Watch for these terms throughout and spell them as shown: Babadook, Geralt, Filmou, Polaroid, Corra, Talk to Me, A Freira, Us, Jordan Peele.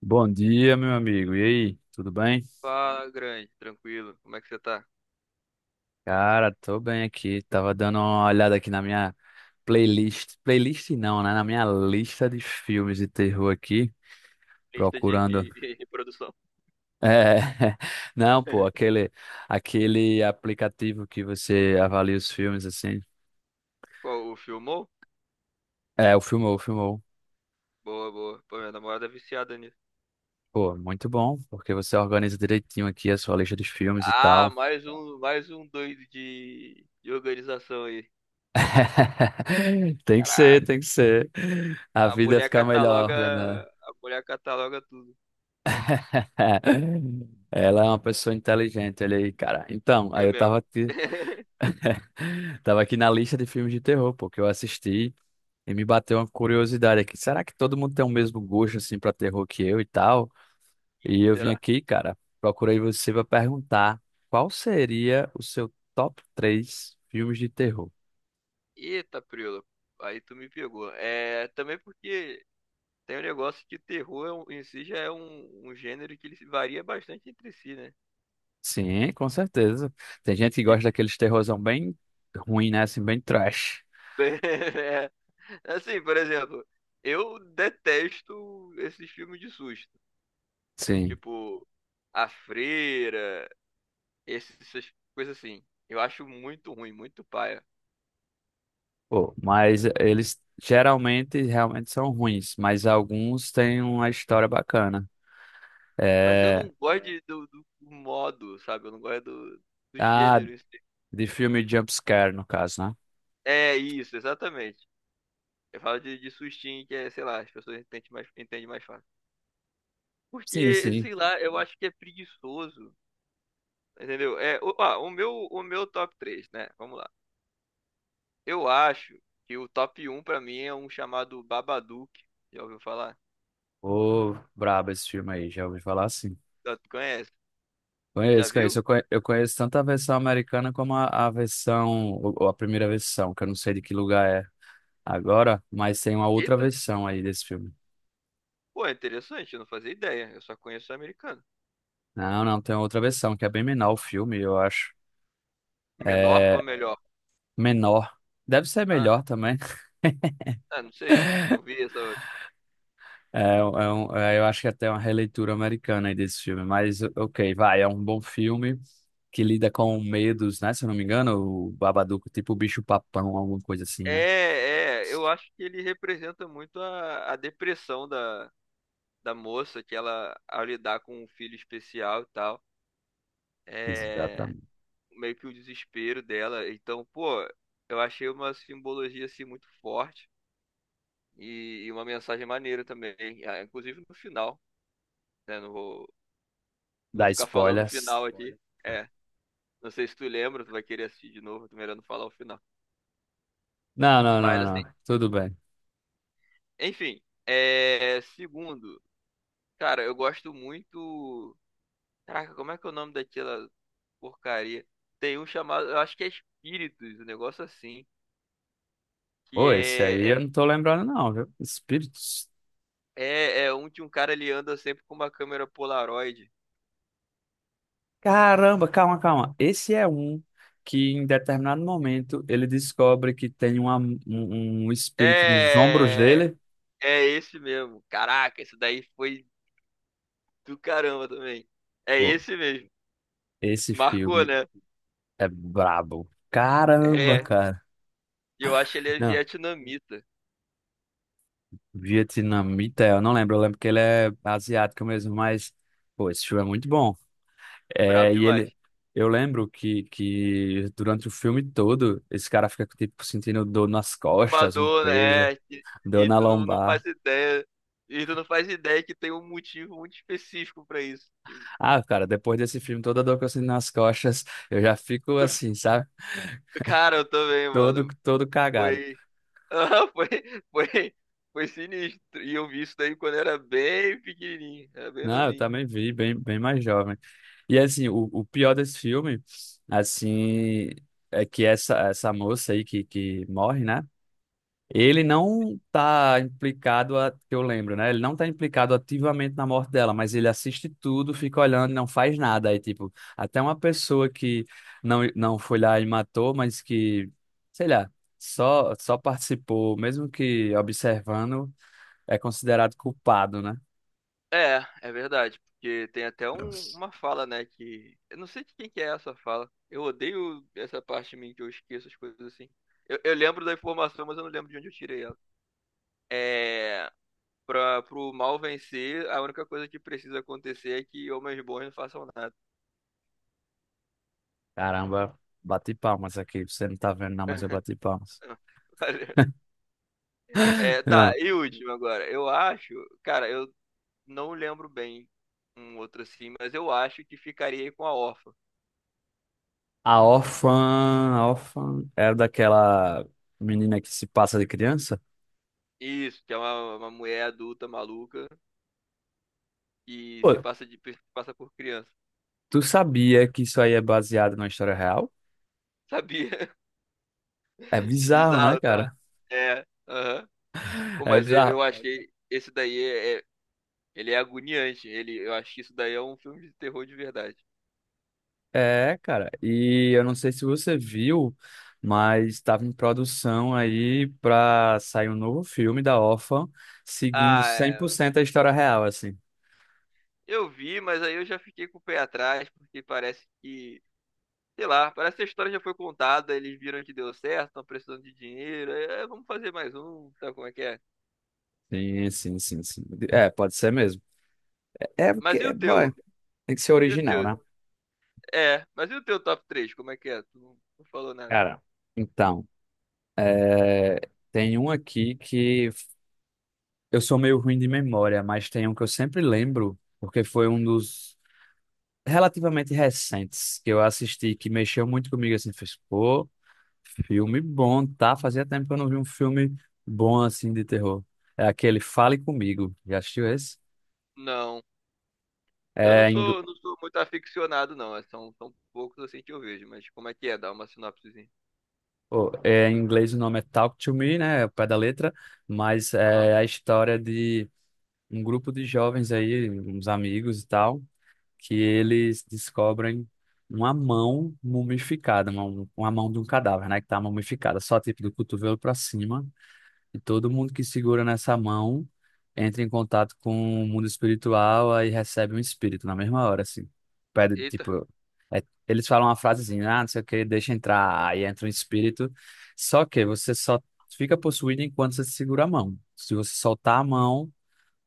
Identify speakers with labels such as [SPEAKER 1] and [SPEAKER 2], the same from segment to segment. [SPEAKER 1] Bom dia, meu amigo. E aí, tudo bem?
[SPEAKER 2] Fala, grande, tranquilo. Como é que você tá?
[SPEAKER 1] Cara, tô bem aqui. Tava dando uma olhada aqui na minha playlist. Playlist não, né? Na minha lista de filmes de terror aqui,
[SPEAKER 2] Lista de,
[SPEAKER 1] procurando.
[SPEAKER 2] de reprodução.
[SPEAKER 1] É, não, pô, aquele aplicativo que você avalia os filmes assim.
[SPEAKER 2] Qual, o filmou?
[SPEAKER 1] É, o Filmou, o Filmou.
[SPEAKER 2] Boa, boa. Pô, minha namorada é viciada nisso.
[SPEAKER 1] Pô, muito bom, porque você organiza direitinho aqui a sua lista de filmes e
[SPEAKER 2] Ah,
[SPEAKER 1] tal.
[SPEAKER 2] mais um doido de organização aí.
[SPEAKER 1] Tem que ser,
[SPEAKER 2] Caraca,
[SPEAKER 1] tem que ser. A
[SPEAKER 2] a
[SPEAKER 1] vida
[SPEAKER 2] mulher
[SPEAKER 1] fica
[SPEAKER 2] cataloga,
[SPEAKER 1] melhor, né?
[SPEAKER 2] a mulher cataloga tudo.
[SPEAKER 1] Ela é uma pessoa inteligente, olha aí, cara. Então,
[SPEAKER 2] É
[SPEAKER 1] aí eu
[SPEAKER 2] mesmo.
[SPEAKER 1] tava aqui, tava aqui na lista de filmes de terror, pô, que eu assisti e me bateu uma curiosidade aqui. Será que todo mundo tem o mesmo gosto, assim, pra terror que eu e tal? E
[SPEAKER 2] Ih,
[SPEAKER 1] eu vim
[SPEAKER 2] será?
[SPEAKER 1] aqui, cara, procurei você pra perguntar qual seria o seu top 3 filmes de terror.
[SPEAKER 2] Eita, Prila, aí tu me pegou. É, também porque tem um negócio que em si já é um gênero que ele se varia bastante entre si, né?
[SPEAKER 1] Sim, com certeza. Tem gente que
[SPEAKER 2] E,
[SPEAKER 1] gosta daqueles terrorzão bem ruim, né? Assim, bem trash.
[SPEAKER 2] Assim, por exemplo, eu detesto esses filmes de susto.
[SPEAKER 1] Sim.
[SPEAKER 2] Tipo, A Freira, essas coisas assim. Eu acho muito ruim, muito paia.
[SPEAKER 1] Pô, mas eles geralmente realmente são ruins, mas alguns têm uma história bacana.
[SPEAKER 2] Mas eu
[SPEAKER 1] É,
[SPEAKER 2] não gosto do modo, sabe? Eu não gosto do
[SPEAKER 1] ah,
[SPEAKER 2] gênero em si.
[SPEAKER 1] de filme Jumpscare, no caso, né?
[SPEAKER 2] É isso, exatamente. Eu falo de sustinho, que é, sei lá, as pessoas entendem mais fácil.
[SPEAKER 1] Sim,
[SPEAKER 2] Porque,
[SPEAKER 1] sim.
[SPEAKER 2] sei lá, eu acho que é preguiçoso. Entendeu? O meu top três, né? Vamos lá. Eu acho que o top um pra mim é um chamado Babadook. Já ouviu falar?
[SPEAKER 1] Ô, brabo esse filme aí, já ouvi falar assim.
[SPEAKER 2] Já tu conhece? Já
[SPEAKER 1] Conheço, conheço.
[SPEAKER 2] viu?
[SPEAKER 1] Eu conheço tanto a versão americana como a versão, ou a primeira versão, que eu não sei de que lugar é agora, mas tem uma outra
[SPEAKER 2] Eita!
[SPEAKER 1] versão aí desse filme.
[SPEAKER 2] Pô, é interessante, eu não fazia ideia. Eu só conheço o americano.
[SPEAKER 1] Não, não, tem outra versão, que é bem menor o filme, eu acho.
[SPEAKER 2] Menor ou
[SPEAKER 1] É
[SPEAKER 2] melhor?
[SPEAKER 1] menor. Deve ser
[SPEAKER 2] Ah,
[SPEAKER 1] melhor também.
[SPEAKER 2] ah, não sei. Não vi essa outra.
[SPEAKER 1] Eu acho que até uma releitura americana aí desse filme, mas ok, vai, é um bom filme que lida com medos, né? Se eu não me engano, o Babadook, tipo o bicho papão, alguma coisa assim, né?
[SPEAKER 2] É, é, eu acho que ele representa muito a depressão da moça, que ela, ao lidar com um filho especial e tal, é
[SPEAKER 1] Exatamente.
[SPEAKER 2] meio que o desespero dela. Então, pô, eu achei uma simbologia assim muito forte, e uma mensagem maneira também, ah, inclusive no final, né? Não vou
[SPEAKER 1] Dá
[SPEAKER 2] ficar falando o
[SPEAKER 1] spoilers.
[SPEAKER 2] final aqui. Olha. É, não sei se tu lembra, tu vai querer assistir de novo, tu melhor não falar o final.
[SPEAKER 1] Não, não,
[SPEAKER 2] Mas
[SPEAKER 1] não,
[SPEAKER 2] assim,
[SPEAKER 1] não. Tudo bem.
[SPEAKER 2] enfim, é, segundo, cara, eu gosto muito. Caraca, como é que é o nome daquela porcaria? Tem um chamado, eu acho que é Espíritos, um negócio assim, que
[SPEAKER 1] Pô, esse aí eu não tô lembrando, não, viu? Espíritos.
[SPEAKER 2] é um de um cara, ele anda sempre com uma câmera Polaroid.
[SPEAKER 1] Caramba, calma, calma. Esse é um que em determinado momento ele descobre que um espírito nos ombros
[SPEAKER 2] É,
[SPEAKER 1] dele.
[SPEAKER 2] é esse mesmo. Caraca, esse daí foi do caramba também. É
[SPEAKER 1] Pô,
[SPEAKER 2] esse mesmo.
[SPEAKER 1] esse
[SPEAKER 2] Marcou,
[SPEAKER 1] filme.
[SPEAKER 2] né?
[SPEAKER 1] É brabo. Caramba,
[SPEAKER 2] É, cara,
[SPEAKER 1] cara.
[SPEAKER 2] eu acho que ele é
[SPEAKER 1] Não,
[SPEAKER 2] vietnamita.
[SPEAKER 1] vietnamita, eu não lembro. Eu lembro que ele é asiático mesmo, mas, pô, esse filme é muito bom.
[SPEAKER 2] Brabo
[SPEAKER 1] É, e
[SPEAKER 2] demais.
[SPEAKER 1] ele. Eu lembro que durante o filme todo, esse cara fica, tipo, sentindo dor nas costas, um
[SPEAKER 2] Fumador,
[SPEAKER 1] peso,
[SPEAKER 2] né? É, E,
[SPEAKER 1] dor
[SPEAKER 2] e
[SPEAKER 1] na
[SPEAKER 2] tu não
[SPEAKER 1] lombar.
[SPEAKER 2] faz ideia. E tu não faz ideia que tem um motivo muito específico pra isso. Que
[SPEAKER 1] Ah, cara, depois desse filme, toda dor que eu sinto nas costas, eu já fico
[SPEAKER 2] tu- é.
[SPEAKER 1] assim, sabe?
[SPEAKER 2] Cara, eu também,
[SPEAKER 1] Todo,
[SPEAKER 2] mano.
[SPEAKER 1] todo cagado.
[SPEAKER 2] Foi. Ah, foi, foi sinistro. E eu vi isso daí quando era bem pequenininho. Era bem
[SPEAKER 1] Não, eu
[SPEAKER 2] novinho.
[SPEAKER 1] também vi, bem, bem mais jovem. E assim, o pior desse filme, assim, é que essa moça aí que morre, né? Ele não tá implicado, a, que eu lembro, né? Ele não tá implicado ativamente na morte dela, mas ele assiste tudo, fica olhando e não faz nada. Aí, tipo, até uma pessoa que não, não foi lá e matou, mas que, sei lá, só, só participou, mesmo que observando, é considerado culpado, né?
[SPEAKER 2] É, é verdade, porque tem até uma fala, né, que... Eu não sei de quem que é essa fala. Eu odeio essa parte de mim que eu esqueço as coisas assim. Eu lembro da informação, mas eu não lembro de onde eu tirei ela. É... pro mal vencer, a única coisa que precisa acontecer é que homens bons não façam nada.
[SPEAKER 1] Caramba, bati palmas aqui. Você não tá vendo, não, mas eu bati palmas.
[SPEAKER 2] É, tá,
[SPEAKER 1] Não.
[SPEAKER 2] e último agora. Eu acho... Cara, eu não lembro bem um outro assim, mas eu acho que ficaria aí com A Órfã.
[SPEAKER 1] A órfã, a órfã era daquela menina que se passa de criança?
[SPEAKER 2] Isso, que é uma mulher adulta maluca e se
[SPEAKER 1] Pô,
[SPEAKER 2] passa de se passa por criança.
[SPEAKER 1] tu sabia que isso aí é baseado numa história real?
[SPEAKER 2] Sabia?
[SPEAKER 1] É bizarro, né,
[SPEAKER 2] Bizarro, tá?
[SPEAKER 1] cara?
[SPEAKER 2] É. Aham. Pô,
[SPEAKER 1] É
[SPEAKER 2] mas eu,
[SPEAKER 1] bizarro.
[SPEAKER 2] eu achei esse daí ele é agoniante. Ele, eu acho que isso daí é um filme de terror de verdade.
[SPEAKER 1] É, cara. E eu não sei se você viu, mas estava em produção aí pra sair um novo filme da órfã, seguindo
[SPEAKER 2] Ah,
[SPEAKER 1] cem por
[SPEAKER 2] é,
[SPEAKER 1] cento a história real, assim.
[SPEAKER 2] eu vi, mas aí eu já fiquei com o pé atrás porque parece que, sei lá, parece que a história já foi contada, eles viram que deu certo, estão precisando de dinheiro, é, vamos fazer mais um, sabe como é que é?
[SPEAKER 1] Sim, sim, sim, sim. É, pode ser mesmo. É
[SPEAKER 2] Mas e
[SPEAKER 1] porque,
[SPEAKER 2] o
[SPEAKER 1] vai,
[SPEAKER 2] teu?
[SPEAKER 1] tem que ser
[SPEAKER 2] E o
[SPEAKER 1] original,
[SPEAKER 2] teu?
[SPEAKER 1] né?
[SPEAKER 2] É, mas e o teu top três? Como é que é? Tu não falou nada.
[SPEAKER 1] Cara, então, é, tem um aqui que eu sou meio ruim de memória, mas tem um que eu sempre lembro, porque foi um dos relativamente recentes que eu assisti, que mexeu muito comigo, assim, fez, pô, filme bom, tá? Fazia tempo que eu não vi um filme bom, assim, de terror. É aquele Fale Comigo, já assistiu esse?
[SPEAKER 2] Não. Eu
[SPEAKER 1] É, em, ingl-
[SPEAKER 2] não sou muito aficionado, não. É, são poucos assim que eu vejo, mas como é que é? Dá uma sinopsezinha.
[SPEAKER 1] oh, é, em inglês o nome é Talk to Me, né? É o pé da letra, mas
[SPEAKER 2] Aham.
[SPEAKER 1] é a história de um grupo de jovens aí, uns amigos e tal, que eles descobrem uma mão mumificada, uma mão de um cadáver, né, que tá mumificada, só tipo do cotovelo para cima, e todo mundo que segura nessa mão entra em contato com o mundo espiritual, aí recebe um espírito na mesma hora, assim. Pede,
[SPEAKER 2] Eita,
[SPEAKER 1] tipo, eles falam uma frasezinha, ah, não sei o que, deixa entrar, aí entra um espírito, só que você só fica possuído enquanto você segura a mão. Se você soltar a mão,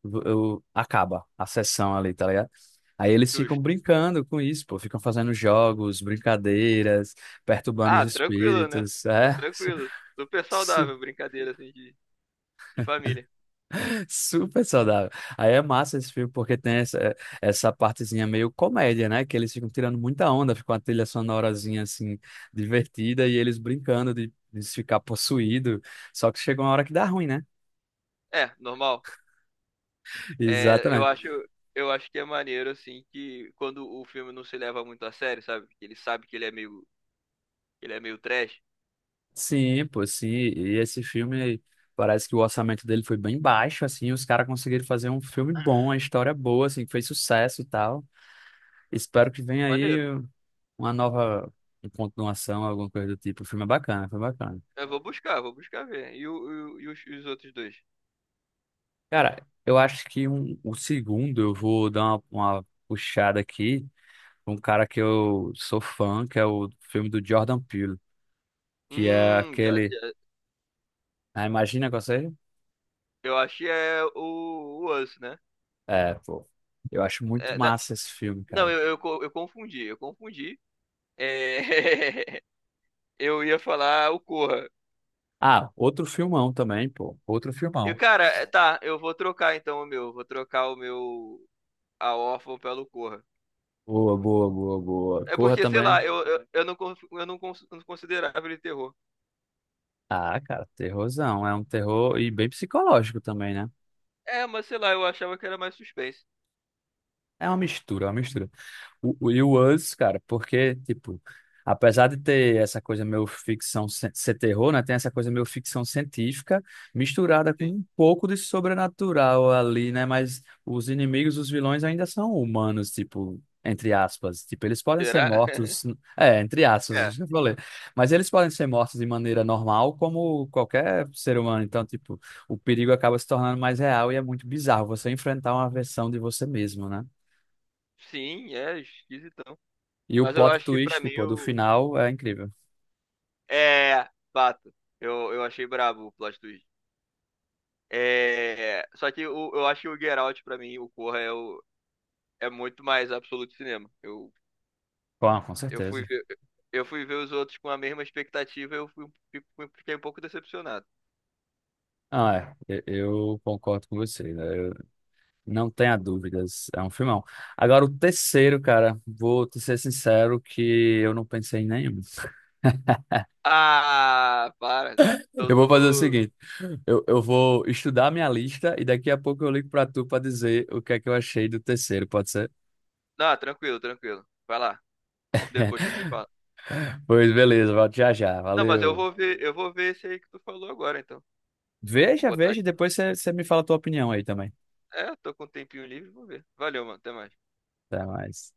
[SPEAKER 1] acaba a sessão ali, tá ligado? Aí eles ficam
[SPEAKER 2] justo.
[SPEAKER 1] brincando com isso, pô, ficam fazendo jogos, brincadeiras, perturbando os
[SPEAKER 2] Ah, tranquilo, né?
[SPEAKER 1] espíritos,
[SPEAKER 2] É
[SPEAKER 1] é
[SPEAKER 2] tranquilo. Super saudável, brincadeira assim de família.
[SPEAKER 1] super saudável. Aí é massa esse filme porque tem essa partezinha meio comédia, né? Que eles ficam tirando muita onda, fica uma trilha sonorazinha assim divertida e eles brincando de ficar possuído. Só que chega uma hora que dá ruim, né?
[SPEAKER 2] É, normal. É, eu
[SPEAKER 1] Exatamente.
[SPEAKER 2] acho, eu acho que é maneiro assim que quando o filme não se leva muito a sério, sabe? Que ele sabe que ele é meio trash.
[SPEAKER 1] Sim, pô, sim. E esse filme, parece que o orçamento dele foi bem baixo, assim, os caras conseguiram fazer um filme bom, uma história boa, assim, que fez sucesso e tal. Espero que
[SPEAKER 2] Pô,
[SPEAKER 1] venha aí
[SPEAKER 2] maneiro.
[SPEAKER 1] uma nova continuação, alguma coisa do tipo. O filme é bacana, foi bacana.
[SPEAKER 2] Vou buscar ver. E os outros dois?
[SPEAKER 1] Cara, eu acho que um, o segundo eu vou dar uma puxada aqui, um cara que eu sou fã, que é o filme do Jordan Peele, que é
[SPEAKER 2] Hum, já,
[SPEAKER 1] aquele...
[SPEAKER 2] já-
[SPEAKER 1] Ah, imagina com você?
[SPEAKER 2] eu acho que é o Us, né?
[SPEAKER 1] É, pô, eu acho muito
[SPEAKER 2] É, na-
[SPEAKER 1] massa esse filme,
[SPEAKER 2] Não,
[SPEAKER 1] cara.
[SPEAKER 2] eu confundi, eu confundi. É, eu ia falar o Corra.
[SPEAKER 1] Ah, outro filmão também, pô. Outro
[SPEAKER 2] Eu,
[SPEAKER 1] filmão.
[SPEAKER 2] cara, é, tá, eu vou trocar então o meu. Vou trocar o meu: A Órfã pelo Corra.
[SPEAKER 1] Boa, boa, boa, boa.
[SPEAKER 2] É
[SPEAKER 1] Corra
[SPEAKER 2] porque, sei
[SPEAKER 1] também.
[SPEAKER 2] lá, eu não considerava ele terror.
[SPEAKER 1] Ah, cara, terrorzão. É um terror e bem psicológico também, né?
[SPEAKER 2] É, mas sei lá, eu achava que era mais suspense.
[SPEAKER 1] É uma mistura, é uma mistura. E o Us, cara, porque, tipo, apesar de ter essa coisa meio ficção, ser terror, né? Tem essa coisa meio ficção científica misturada com
[SPEAKER 2] Sim.
[SPEAKER 1] um pouco de sobrenatural ali, né? Mas os inimigos, os vilões ainda são humanos, tipo, entre aspas. Tipo, eles podem ser
[SPEAKER 2] Será?
[SPEAKER 1] mortos, é, entre aspas,
[SPEAKER 2] É.
[SPEAKER 1] já falei. Mas eles podem ser mortos de maneira normal, como qualquer ser humano. Então, tipo, o perigo acaba se tornando mais real e é muito bizarro você enfrentar uma versão de você mesmo, né?
[SPEAKER 2] Sim, é esquisitão.
[SPEAKER 1] E o
[SPEAKER 2] Mas eu
[SPEAKER 1] plot
[SPEAKER 2] acho que pra
[SPEAKER 1] twist,
[SPEAKER 2] mim
[SPEAKER 1] pô, do
[SPEAKER 2] eu.
[SPEAKER 1] final é incrível.
[SPEAKER 2] É, fato. Eu achei brabo o plot twist. Eu acho que o Geralt, pra mim, o Corra é o é muito mais absoluto cinema.
[SPEAKER 1] Com
[SPEAKER 2] Eu fui
[SPEAKER 1] certeza.
[SPEAKER 2] ver, eu fui ver os outros com a mesma expectativa, fiquei um pouco decepcionado.
[SPEAKER 1] Ah, é. Eu concordo com você, né? Eu- não tenha dúvidas. É um filmão. Agora, o terceiro, cara, vou te ser sincero que eu não pensei em nenhum.
[SPEAKER 2] Ah, para. Tô
[SPEAKER 1] Eu
[SPEAKER 2] tu.
[SPEAKER 1] vou fazer o seguinte: eu vou estudar minha lista e daqui a pouco eu ligo pra tu pra dizer o que é que eu achei do terceiro, pode ser?
[SPEAKER 2] Não, tranquilo, tranquilo. Vai lá. Depois tu me fala.
[SPEAKER 1] Pois beleza, volto já já.
[SPEAKER 2] Não, mas
[SPEAKER 1] Valeu.
[SPEAKER 2] eu vou ver esse aí que tu falou agora, então. Vou
[SPEAKER 1] Veja,
[SPEAKER 2] botar
[SPEAKER 1] veja, e
[SPEAKER 2] aqui.
[SPEAKER 1] depois você me fala a tua opinião aí também.
[SPEAKER 2] É, tô com um tempinho livre, vou ver. Valeu, mano. Até mais.
[SPEAKER 1] Até mais.